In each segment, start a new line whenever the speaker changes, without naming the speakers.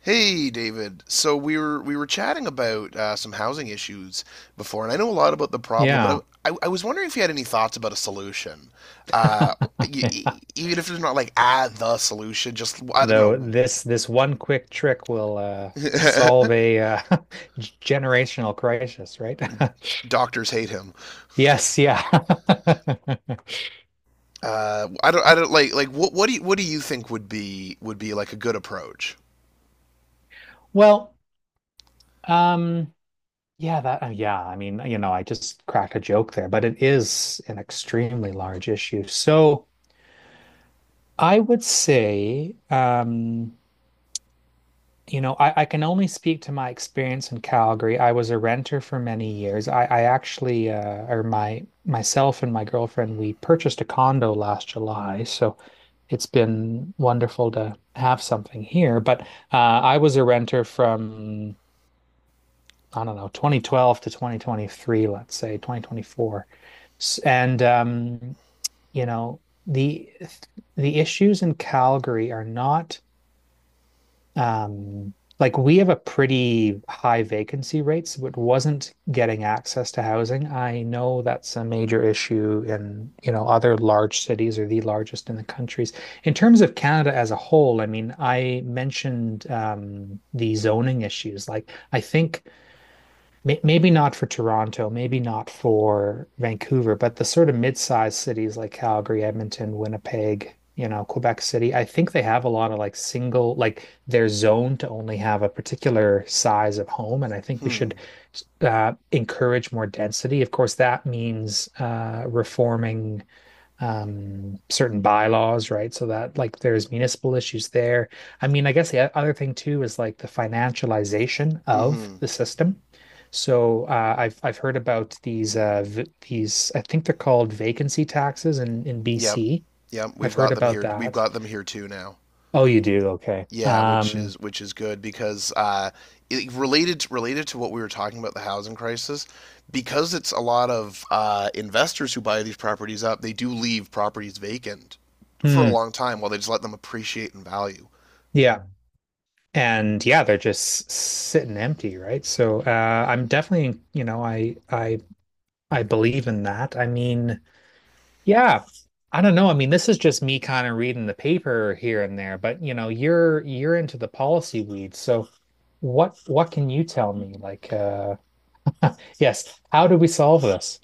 Hey, David. So we were chatting about some housing issues before, and I know a lot about the problem, but
Yeah.
I was wondering if you had any thoughts about a solution. Uh,
Yeah.
Even if it's not like the solution, just I don't
Though
know.
this one quick trick will solve a generational crisis, right?
Doctors hate him.
Yes, yeah.
I don't like what do you think would be like a good approach?
Well, um yeah, that yeah, I mean, you know, I just cracked a joke there, but it is an extremely large issue. So, I would say you know, I can only speak to my experience in Calgary. I was a renter for many years. I actually, or my myself and my girlfriend, we purchased a condo last July. So it's been wonderful to have something here. But I was a renter from, I don't know, 2012 to 2023, let's say 2024. And, you know, the the issues in Calgary are not like we have a pretty high vacancy rates, but wasn't getting access to housing. I know that's a major issue in, you know, other large cities or the largest in the countries. In terms of Canada as a whole, I mean, I mentioned the zoning issues. Like, I think Maybe not for Toronto, maybe not for Vancouver, but the sort of mid-sized cities like Calgary, Edmonton, Winnipeg, you know, Quebec City, I think they have a lot of like single, like they're zoned to only have a particular size of home. And I think we should
Hmm.
encourage more density. Of course, that means reforming certain bylaws, right? So that like there's municipal issues there. I mean, I guess the other thing too is like the financialization of
Mm-hmm.
the system. So I've heard about these v these, I think they're called vacancy taxes in
Yep.
BC.
Yep, we've
I've heard
got them
about
here. We've
that.
got them here too now.
Oh, you do. Okay.
Yeah, which is good because it, related to what we were talking about, the housing crisis, because it's a lot of investors who buy these properties up. They do leave properties vacant for a
Hmm
long time while they just let them appreciate in value.
yeah. And yeah, they're just sitting empty, right? So I'm definitely, you know, I believe in that. I mean, yeah. I don't know. I mean, this is just me kind of reading the paper here and there, but you know, you're into the policy weeds. So what can you tell me? Like, yes, how do we solve this?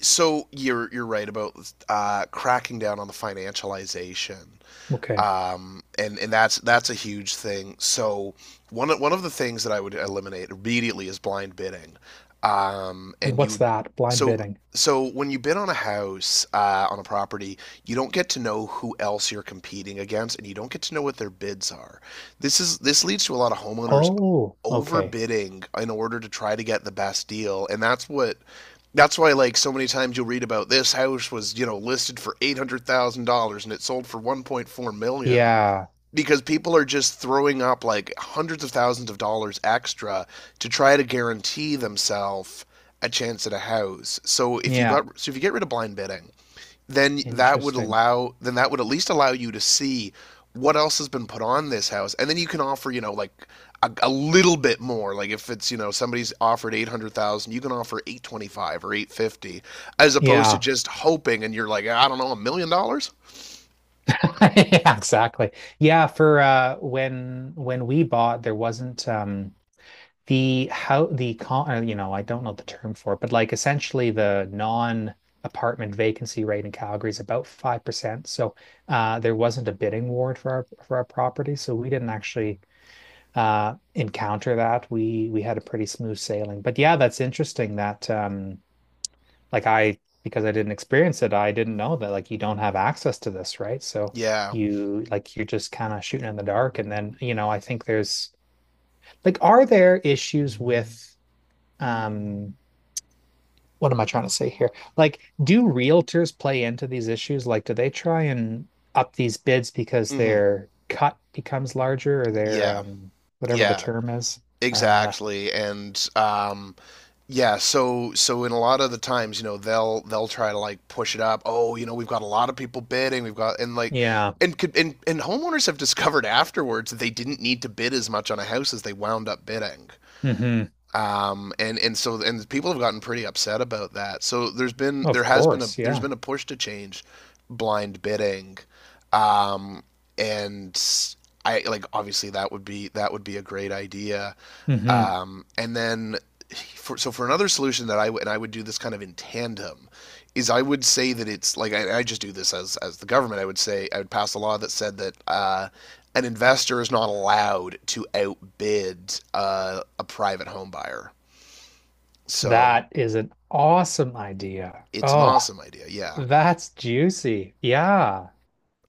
So you're right about cracking down on the financialization,
Okay.
and that's a huge thing. So one of the things that I would eliminate immediately is blind bidding,
And
and
what's
you
that? Blind
so
bidding.
when you bid on a house, on a property, you don't get to know who else you're competing against, and you don't get to know what their bids are. This leads to a lot of homeowners
Oh, okay.
overbidding in order to try to get the best deal, and that's what that's why, like, so many times you'll read about this house was, you know, listed for $800,000 and it sold for 1.4 million dollars,
Yeah.
because people are just throwing up like hundreds of thousands of dollars extra to try to guarantee themselves a chance at a house. So
Yeah.
if you get rid of blind bidding, then
Interesting.
that would at least allow you to see what else has been put on this house, and then you can offer, you know, like a little bit more. Like, if it's, you know, somebody's offered 800,000, you can offer 825 or 850, as opposed to
Yeah.
just hoping and you're like, I don't know, $1 million.
Yeah, exactly. Yeah, for when we bought there wasn't the, how the con you know, I don't know the term for it, but like essentially the non apartment vacancy rate in Calgary is about 5%. So there wasn't a bidding war for our property, so we didn't actually encounter that. We had a pretty smooth sailing. But yeah, that's interesting that like I, because I didn't experience it, I didn't know that like you don't have access to this, right? So
Yeah.
you, like you're just kind of shooting in the dark, and then you know I think there's like, are there issues with um what am I trying to say here? Like, do realtors play into these issues? Like, do they try and up these bids because
Mhm.
their cut becomes larger or their
Yeah.
whatever the
yeah
term is? Uh
exactly and Yeah, so, so in a lot of the times, you know, they'll try to like push it up. Oh, you know, we've got a lot of people bidding. We've got, and like
yeah.
and homeowners have discovered afterwards that they didn't need to bid as much on a house as they wound up bidding.
Hmm.
And so and people have gotten pretty upset about that. So there's been,
Of course,
there's
yeah.
been a push to change blind bidding. Um, and I, like, obviously that would be a great idea.
Hmm.
Um, and then, for, so for another solution that I w- and I would do this kind of in tandem, is I would say that it's like I just do this as the government. I would say I would pass a law that said that an investor is not allowed to outbid a private home buyer. So
That is an awesome idea.
it's an
Oh,
awesome idea, yeah.
that's juicy. Yeah.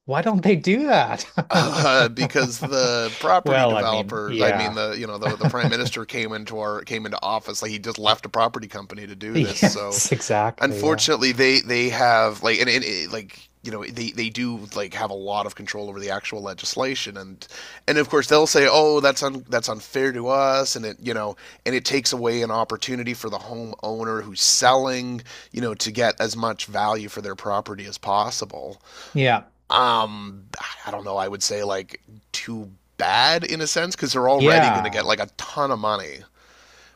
Why don't they do that?
Because the property
Well, I mean,
developers, I mean,
yeah.
the, you know, the prime minister came into office, like he just left a property company to do this. So
Yes, exactly. Yeah.
unfortunately they have, like, and like, you know, they do, like, have a lot of control over the actual legislation. And of course they'll say, oh, that's unfair to us, and it, you know, and it takes away an opportunity for the homeowner who's selling, you know, to get as much value for their property as possible.
Yeah.
um I don't know, I would say, like, too bad in a sense, because they're already going to get
Yeah.
like a ton of money.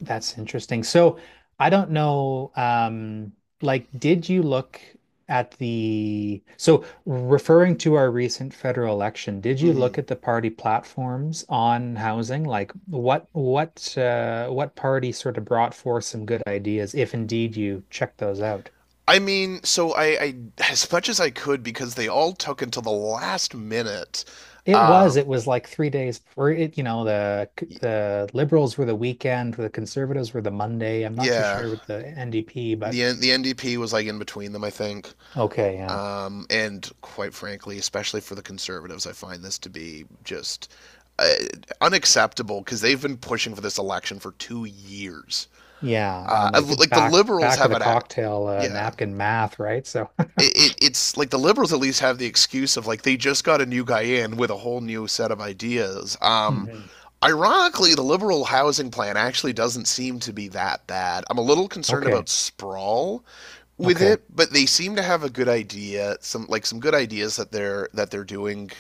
That's interesting. So I don't know, like, did you look at the, so referring to our recent federal election, did you
Mm-hmm.
look at the party platforms on housing? Like what what party sort of brought forth some good ideas, if indeed you checked those out?
I mean, so I, as much as I could, because they all took until the last minute. Um,
It was like 3 days for it, you know,
y-
the Liberals were the weekend, the Conservatives were the Monday. I'm not too
yeah,
sure with the NDP, but
the NDP was like in between them, I think.
okay, yeah.
And Quite frankly, especially for the conservatives, I find this to be just uh, unacceptable, because they've been pushing for this election for 2 years.
Yeah, and like
Like the
back
liberals
back of
have
the
an, ac-
cocktail
Yeah,
napkin math, right? So
it, it, it's like the liberals at least have the excuse of, like, they just got a new guy in with a whole new set of ideas.
Mhm.
Ironically, the liberal housing plan actually doesn't seem to be that bad. I'm a little concerned
Okay,
about sprawl with
okay,
it, but they seem to have a good idea, some, some good ideas that they're doing.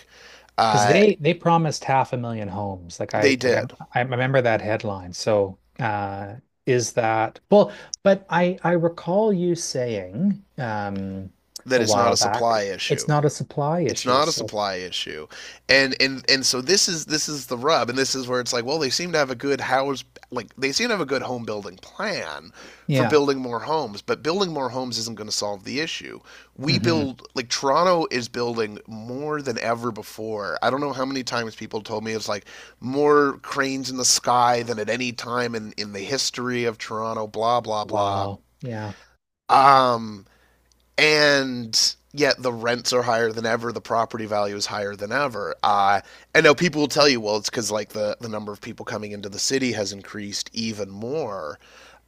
because
Uh,
they promised half a million homes. Like I,
they
like I
did,
I remember that headline. So is that well? But I recall you saying
that
a
is not
while
a
back,
supply
it's
issue.
not a supply
It's
issue.
not a
So
supply issue, and so this is the rub, and this is where it's like, well, they seem to have a good home building plan for
yeah.
building more homes, but building more homes isn't going to solve the issue. We
Hmm.
build, like, Toronto is building more than ever before. I don't know how many times people told me, it's like more cranes in the sky than at any time in the history of Toronto, blah blah blah.
Wow, yeah,
Um, and Yet the rents are higher than ever, the property value is higher than ever. I know people will tell you, well, it's because, like, the number of people coming into the city has increased even more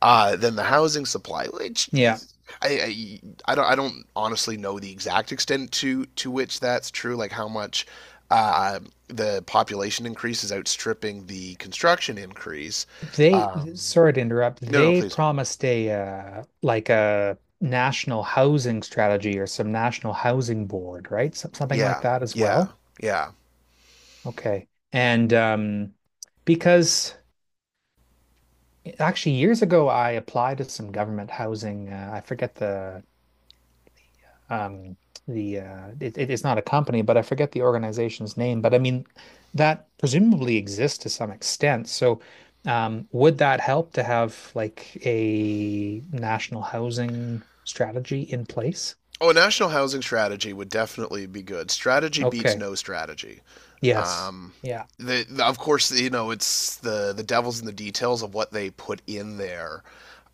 than the housing supply, which
yeah.
I, I don't, honestly know the exact extent to which that's true, like how much uh, the population increase is outstripping the construction increase.
They,
um,
sorry to interrupt,
no, no,
they
please.
promised a like a national housing strategy or some national housing board, right? Some, something like
Yeah.
that as
Yeah.
well.
Yeah.
Okay. And because actually years ago I applied to some government housing, I forget the um it, it's not a company, but I forget the organization's name, but I mean that presumably exists to some extent. So would that help to have like a national housing strategy in place?
Oh, a national housing strategy would definitely be good. Strategy beats
Okay.
no strategy.
Yes.
Um,
Yeah.
of course, you know, it's the devil's in the details of what they put in there.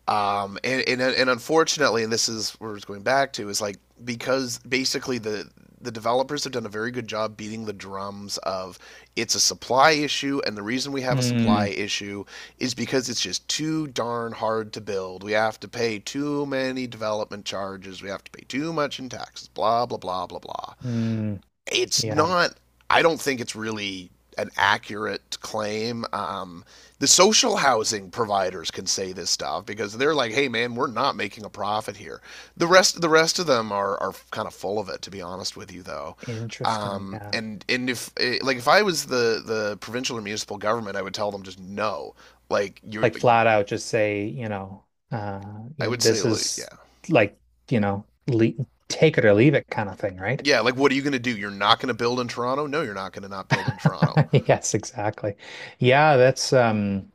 And unfortunately, and this is where it's going back to, is like, because basically the developers have done a very good job beating the drums of, it's a supply issue, and the reason we have a supply
Hmm.
issue is because it's just too darn hard to build, we have to pay too many development charges, we have to pay too much in taxes, blah blah blah blah blah.
Hmm.
It's
Yeah,
not. I don't think it's really an accurate claim. The social housing providers can say this stuff because they're like, "Hey, man, we're not making a profit here." The rest of them are kind of full of it, to be honest with you, though.
interesting, yeah.
And if if I was the provincial or municipal government, I would tell them just no. Like, you,
Like flat out just say, you know, uh
I
you know,
would say,
this
like,
is,
yeah,
like, you know, le take it or leave it kind of thing, right?
yeah. Like, what are you going to do? You're not going to build in Toronto? No, you're not going to not build in Toronto.
Yes, exactly. Yeah, that's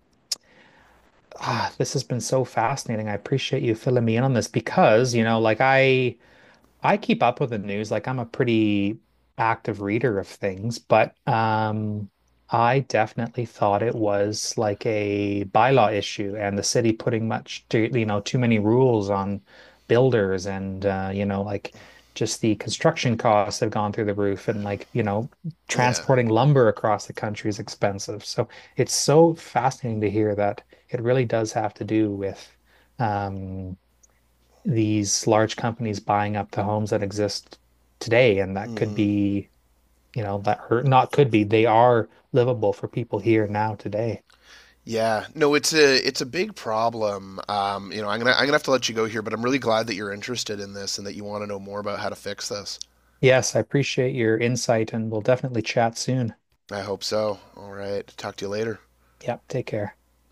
ah, this has been so fascinating. I appreciate you filling me in on this because, you know, like I keep up with the news. Like I'm a pretty active reader of things, but I definitely thought it was like a bylaw issue and the city putting much too, you know, too many rules on builders and you know, like just the construction costs have gone through the roof and like, you know,
Yeah.
transporting lumber across the country is expensive. So it's so fascinating to hear that it really does have to do with um these large companies buying up the homes that exist today, and that could
Hmm.
be, you know, that hurt not could be, they are livable for people here now today.
Yeah, no, it's a big problem. You know, I'm gonna have to let you go here, but I'm really glad that you're interested in this and that you want to know more about how to fix this.
Yes, I appreciate your insight, and we'll definitely chat soon.
I hope so. All right, talk to you later.
Yep, take care.